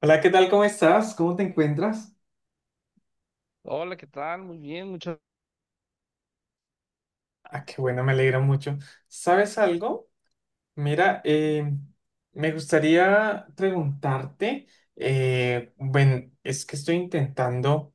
Hola, ¿qué tal? ¿Cómo estás? ¿Cómo te encuentras? Hola, ¿qué tal? Muy bien, muchas. Ah, qué bueno, me alegra mucho. ¿Sabes algo? Mira, me gustaría preguntarte, bueno, es que estoy intentando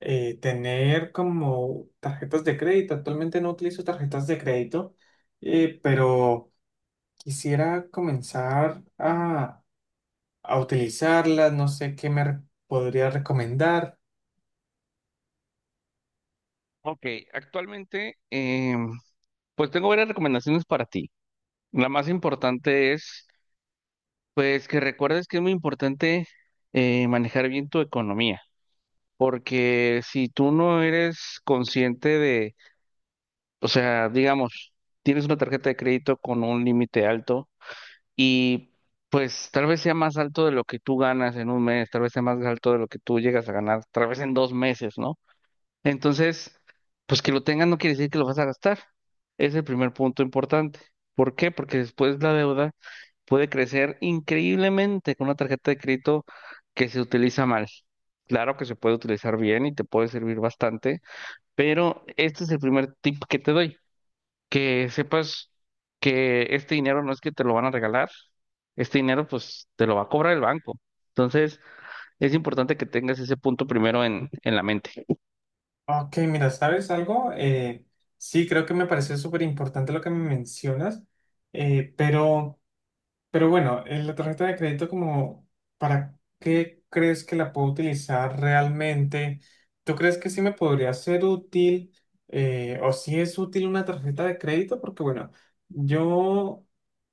tener como tarjetas de crédito. Actualmente no utilizo tarjetas de crédito, pero quisiera comenzar a utilizarlas. No sé qué podría recomendar. Ok, actualmente, pues tengo varias recomendaciones para ti. La más importante es, pues, que recuerdes que es muy importante manejar bien tu economía, porque si tú no eres consciente de, o sea, digamos, tienes una tarjeta de crédito con un límite alto y, pues, tal vez sea más alto de lo que tú ganas en un mes, tal vez sea más alto de lo que tú llegas a ganar, tal vez en 2 meses, ¿no? Entonces, pues que lo tengas no quiere decir que lo vas a gastar. Es el primer punto importante. ¿Por qué? Porque después la deuda puede crecer increíblemente con una tarjeta de crédito que se utiliza mal. Claro que se puede utilizar bien y te puede servir bastante, pero este es el primer tip que te doy, que sepas que este dinero no es que te lo van a regalar, este dinero pues te lo va a cobrar el banco. Entonces, es importante que tengas ese punto primero en la mente. Ok, mira, ¿sabes algo? Sí, creo que me pareció súper importante lo que me mencionas, eh, pero, pero bueno, la tarjeta de crédito como, ¿para qué crees que la puedo utilizar realmente? ¿Tú crees que sí me podría ser útil o si es útil una tarjeta de crédito? Porque bueno, yo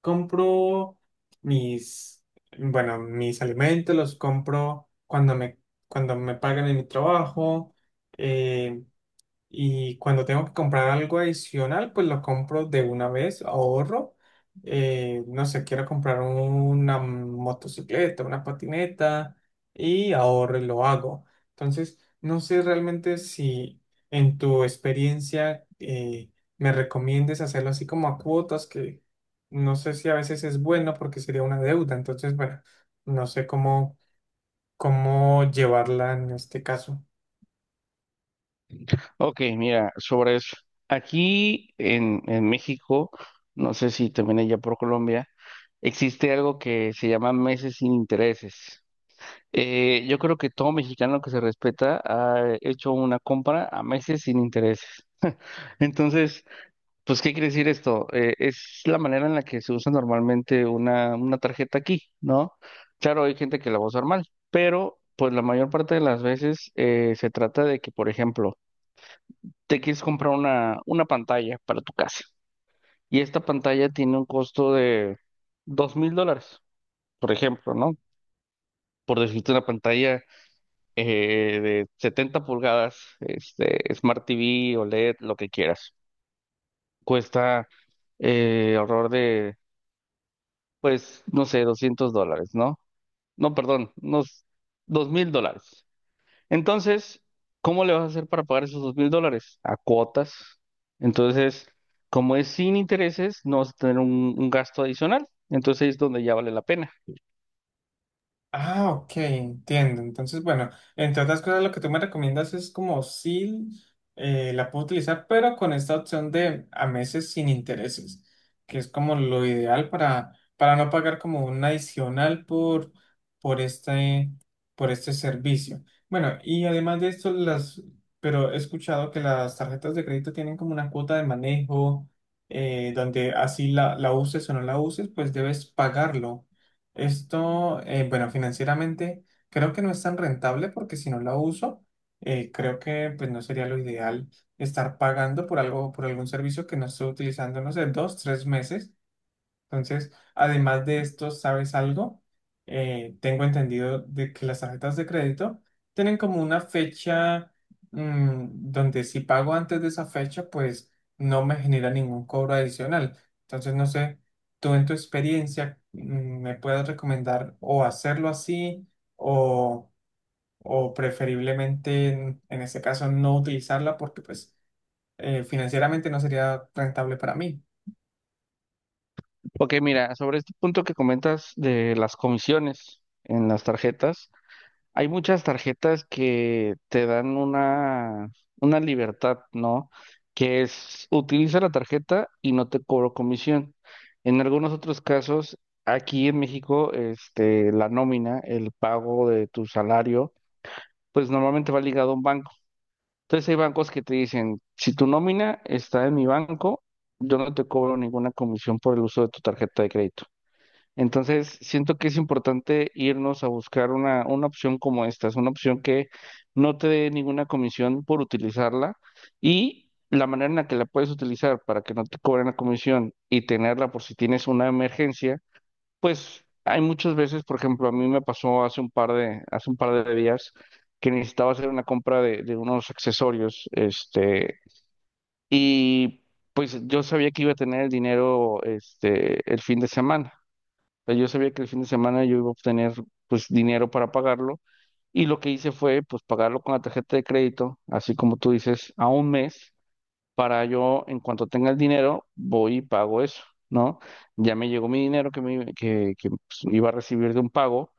compro mis, bueno, mis alimentos los compro cuando cuando me pagan en mi trabajo. eh, y cuando tengo que comprar algo adicional, pues lo compro de una vez, ahorro. No sé, quiero comprar una motocicleta, una patineta y ahorro y lo hago. Entonces, no sé realmente si en tu experiencia me recomiendes hacerlo así como a cuotas, que no sé si a veces es bueno porque sería una deuda. Entonces, bueno, no sé cómo llevarla en este caso. Ok, mira, sobre eso. Aquí en México, no sé si también allá por Colombia, existe algo que se llama meses sin intereses. Yo creo que todo mexicano que se respeta ha hecho una compra a meses sin intereses. Entonces, pues, ¿qué quiere decir esto? Es la manera en la que se usa normalmente una tarjeta aquí, ¿no? Claro, hay gente que la va a usar mal, pero pues la mayor parte de las veces se trata de que, por ejemplo, te quieres comprar una pantalla para tu casa. Y esta pantalla tiene un costo de 2.000 dólares, por ejemplo, ¿no? Por decirte una pantalla de 70 pulgadas, este, Smart TV, OLED, lo que quieras. Cuesta alrededor de, pues, no sé, 200 dólares, ¿no? No, perdón, unos 2.000 dólares. Entonces, ¿cómo le vas a hacer para pagar esos 2.000 dólares? A cuotas. Entonces, como es sin intereses, no vas a tener un gasto adicional. Entonces ahí es donde ya vale la pena. Ah, ok, entiendo. Entonces, bueno, entre otras cosas, lo que tú me recomiendas es como si la puedo utilizar, pero con esta opción de a meses sin intereses, que es como lo ideal para no pagar como un adicional por este, por este servicio. Bueno, y además de esto, pero he escuchado que las tarjetas de crédito tienen como una cuota de manejo, donde así la uses o no la uses, pues debes pagarlo. Esto, bueno, financieramente creo que no es tan rentable porque si no la uso, creo que pues no sería lo ideal estar pagando por algo, por algún servicio que no estoy utilizando, no sé, dos, tres meses. Entonces, además de esto, ¿sabes algo? Tengo entendido de que las tarjetas de crédito tienen como una fecha mm, donde si pago antes de esa fecha, pues no me genera ningún cobro adicional. Entonces, no sé, tú en tu experiencia me puedes recomendar o hacerlo así o, o preferiblemente en este caso no utilizarla porque pues financieramente no sería rentable para mí. Ok, mira, sobre este punto que comentas de las comisiones en las tarjetas. Hay muchas tarjetas que te dan una libertad, ¿no? Que es, utiliza la tarjeta y no te cobro comisión. En algunos otros casos, aquí en México, este, la nómina, el pago de tu salario, pues normalmente va ligado a un banco. Entonces hay bancos que te dicen, si tu nómina está en mi banco, yo no te cobro ninguna comisión por el uso de tu tarjeta de crédito. Entonces, siento que es importante irnos a buscar una opción como esta, es una opción que no te dé ninguna comisión por utilizarla y la manera en la que la puedes utilizar para que no te cobren la comisión y tenerla por si tienes una emergencia, pues hay muchas veces, por ejemplo, a mí me pasó hace un par de días que necesitaba hacer una compra de unos accesorios, este, y pues yo sabía que iba a tener el dinero, este, el fin de semana sea, yo sabía que el fin de semana yo iba a obtener pues dinero para pagarlo y lo que hice fue pues pagarlo con la tarjeta de crédito, así como tú dices, a un mes para yo en cuanto tenga el dinero voy y pago eso, ¿no? Ya me llegó mi dinero que, me, que, pues, iba a recibir de un pago,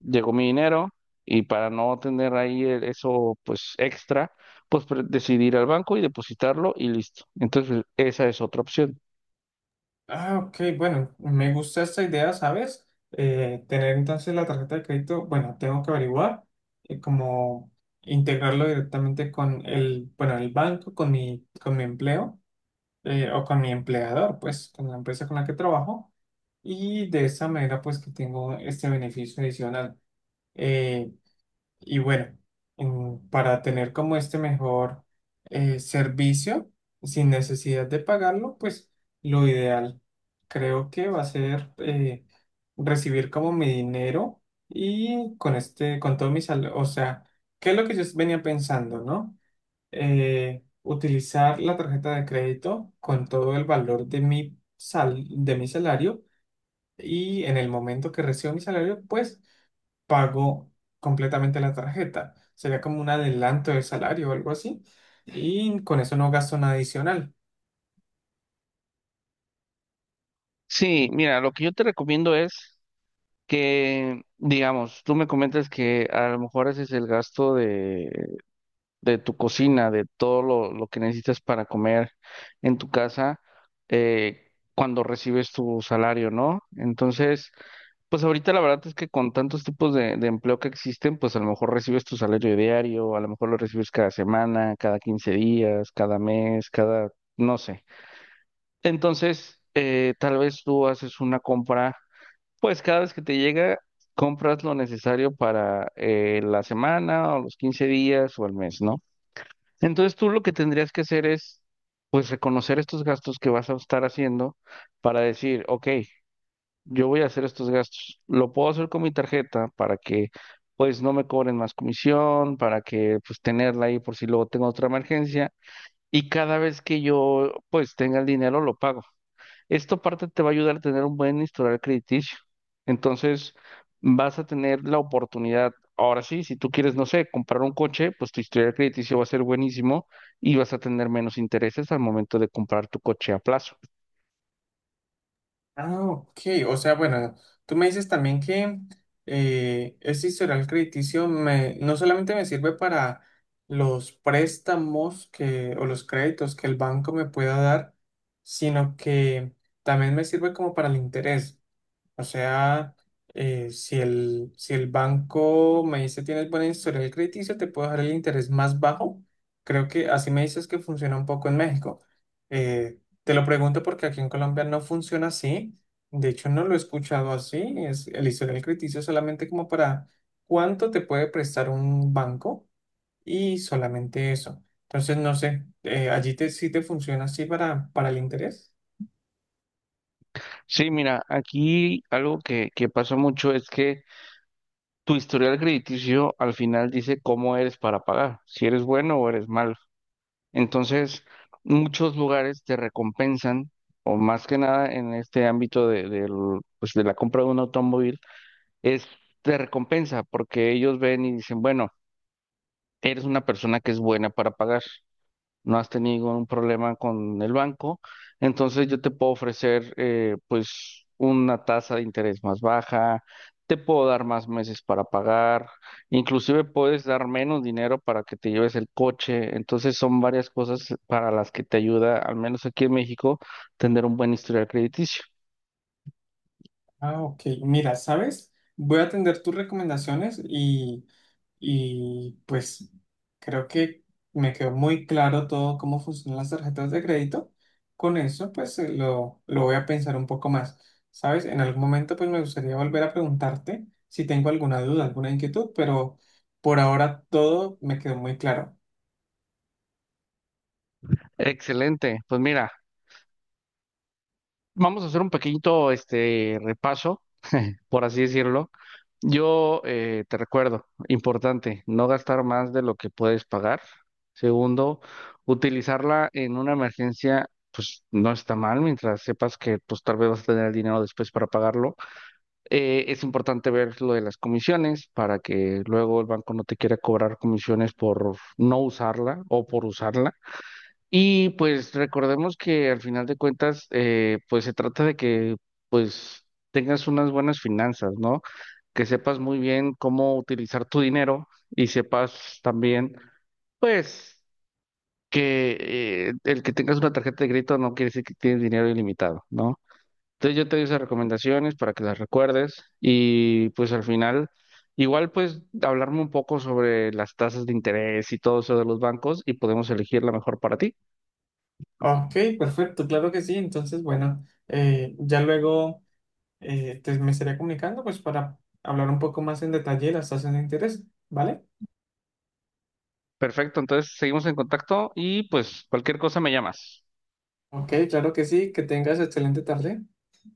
llegó mi dinero y para no tener ahí eso pues extra, pues decidí ir al banco y depositarlo y listo. Entonces esa es otra opción. Ah, ok, bueno, me gusta esta idea, ¿sabes? Tener entonces la tarjeta de crédito, bueno, tengo que averiguar cómo integrarlo directamente con el, bueno, el banco, con con mi empleo o con mi empleador, pues, con la empresa con la que trabajo. Y de esa manera, pues, que tengo este beneficio adicional. Eh, y bueno, para tener como este mejor servicio sin necesidad de pagarlo, pues lo ideal creo que va a ser recibir como mi dinero y con este, con todo mi salario, o sea, ¿qué es lo que yo venía pensando, no? Utilizar la tarjeta de crédito con todo el valor de mi de mi salario y en el momento que recibo mi salario, pues pago completamente la tarjeta. Sería como un adelanto del salario o algo así. Y con eso no gasto nada adicional. Sí, mira, lo que yo te recomiendo es que, digamos, tú me comentas que a lo mejor ese es el gasto de tu cocina, de todo lo que necesitas para comer en tu casa cuando recibes tu salario, ¿no? Entonces, pues ahorita la verdad es que con tantos tipos de empleo que existen, pues a lo mejor recibes tu salario diario, a lo mejor lo recibes cada semana, cada 15 días, cada mes, cada, no sé. Entonces, tal vez tú haces una compra. Pues cada vez que te llega, compras lo necesario para la semana o los 15 días o el mes, ¿no? Entonces tú lo que tendrías que hacer es, pues, reconocer estos gastos que vas a estar haciendo para decir, ok, yo voy a hacer estos gastos. Lo puedo hacer con mi tarjeta para que, pues, no me cobren más comisión, para que, pues, tenerla ahí por si luego tengo otra emergencia. Y cada vez que yo, pues, tenga el dinero, lo pago. Esto parte te va a ayudar a tener un buen historial crediticio. Entonces, vas a tener la oportunidad. Ahora sí, si tú quieres, no sé, comprar un coche, pues tu historial crediticio va a ser buenísimo y vas a tener menos intereses al momento de comprar tu coche a plazo. Ah, ok. O sea, bueno, tú me dices también que ese historial crediticio me, no solamente me sirve para los préstamos que, o los créditos que el banco me pueda dar, sino que también me sirve como para el interés. O sea, si si el banco me dice tienes buena historial crediticio, te puedo dar el interés más bajo. Creo que así me dices que funciona un poco en México. Te lo pregunto porque aquí en Colombia no funciona así. De hecho, no lo he escuchado así. Es el historial crediticio solamente como para cuánto te puede prestar un banco y solamente eso. Entonces, no sé, allí te, sí te funciona así para el interés. Sí, mira, aquí algo que pasa mucho es que tu historial crediticio al final dice cómo eres para pagar, si eres bueno o eres malo. Entonces, muchos lugares te recompensan, o más que nada en este ámbito de, del, pues, de la compra de un automóvil, es te recompensa porque ellos ven y dicen, bueno, eres una persona que es buena para pagar no has tenido ningún problema con el banco, entonces yo te puedo ofrecer pues una tasa de interés más baja, te puedo dar más meses para pagar, inclusive puedes dar menos dinero para que te lleves el coche, entonces son varias cosas para las que te ayuda, al menos aquí en México, tener un buen historial crediticio. Ah, ok. Mira, ¿sabes? Voy a atender tus recomendaciones y pues creo que me quedó muy claro todo cómo funcionan las tarjetas de crédito. Con eso, pues lo voy a pensar un poco más. ¿Sabes? En algún momento, pues me gustaría volver a preguntarte si tengo alguna duda, alguna inquietud, pero por ahora todo me quedó muy claro. Excelente, pues mira, vamos a hacer un pequeñito este repaso por así decirlo. Yo te recuerdo, importante, no gastar más de lo que puedes pagar. Segundo, utilizarla en una emergencia, pues no está mal, mientras sepas que pues tal vez vas a tener el dinero después para pagarlo. Es importante ver lo de las comisiones para que luego el banco no te quiera cobrar comisiones por no usarla o por usarla. Y pues recordemos que al final de cuentas, pues se trata de que pues tengas unas buenas finanzas, ¿no? Que sepas muy bien cómo utilizar tu dinero y sepas también, pues, que el que tengas una tarjeta de crédito no quiere decir que tienes dinero ilimitado, ¿no? Entonces yo te doy esas recomendaciones para que las recuerdes y pues al final, igual pues hablarme un poco sobre las tasas de interés y todo eso de los bancos y podemos elegir la mejor para ti. Ok, perfecto, claro que sí. Entonces, bueno, ya luego. Te- me estaré comunicando pues para hablar un poco más en detalle de las tasas de interés, ¿vale? Perfecto, entonces seguimos en contacto y pues cualquier cosa me llamas. Ok, claro que sí, que tengas excelente tarde.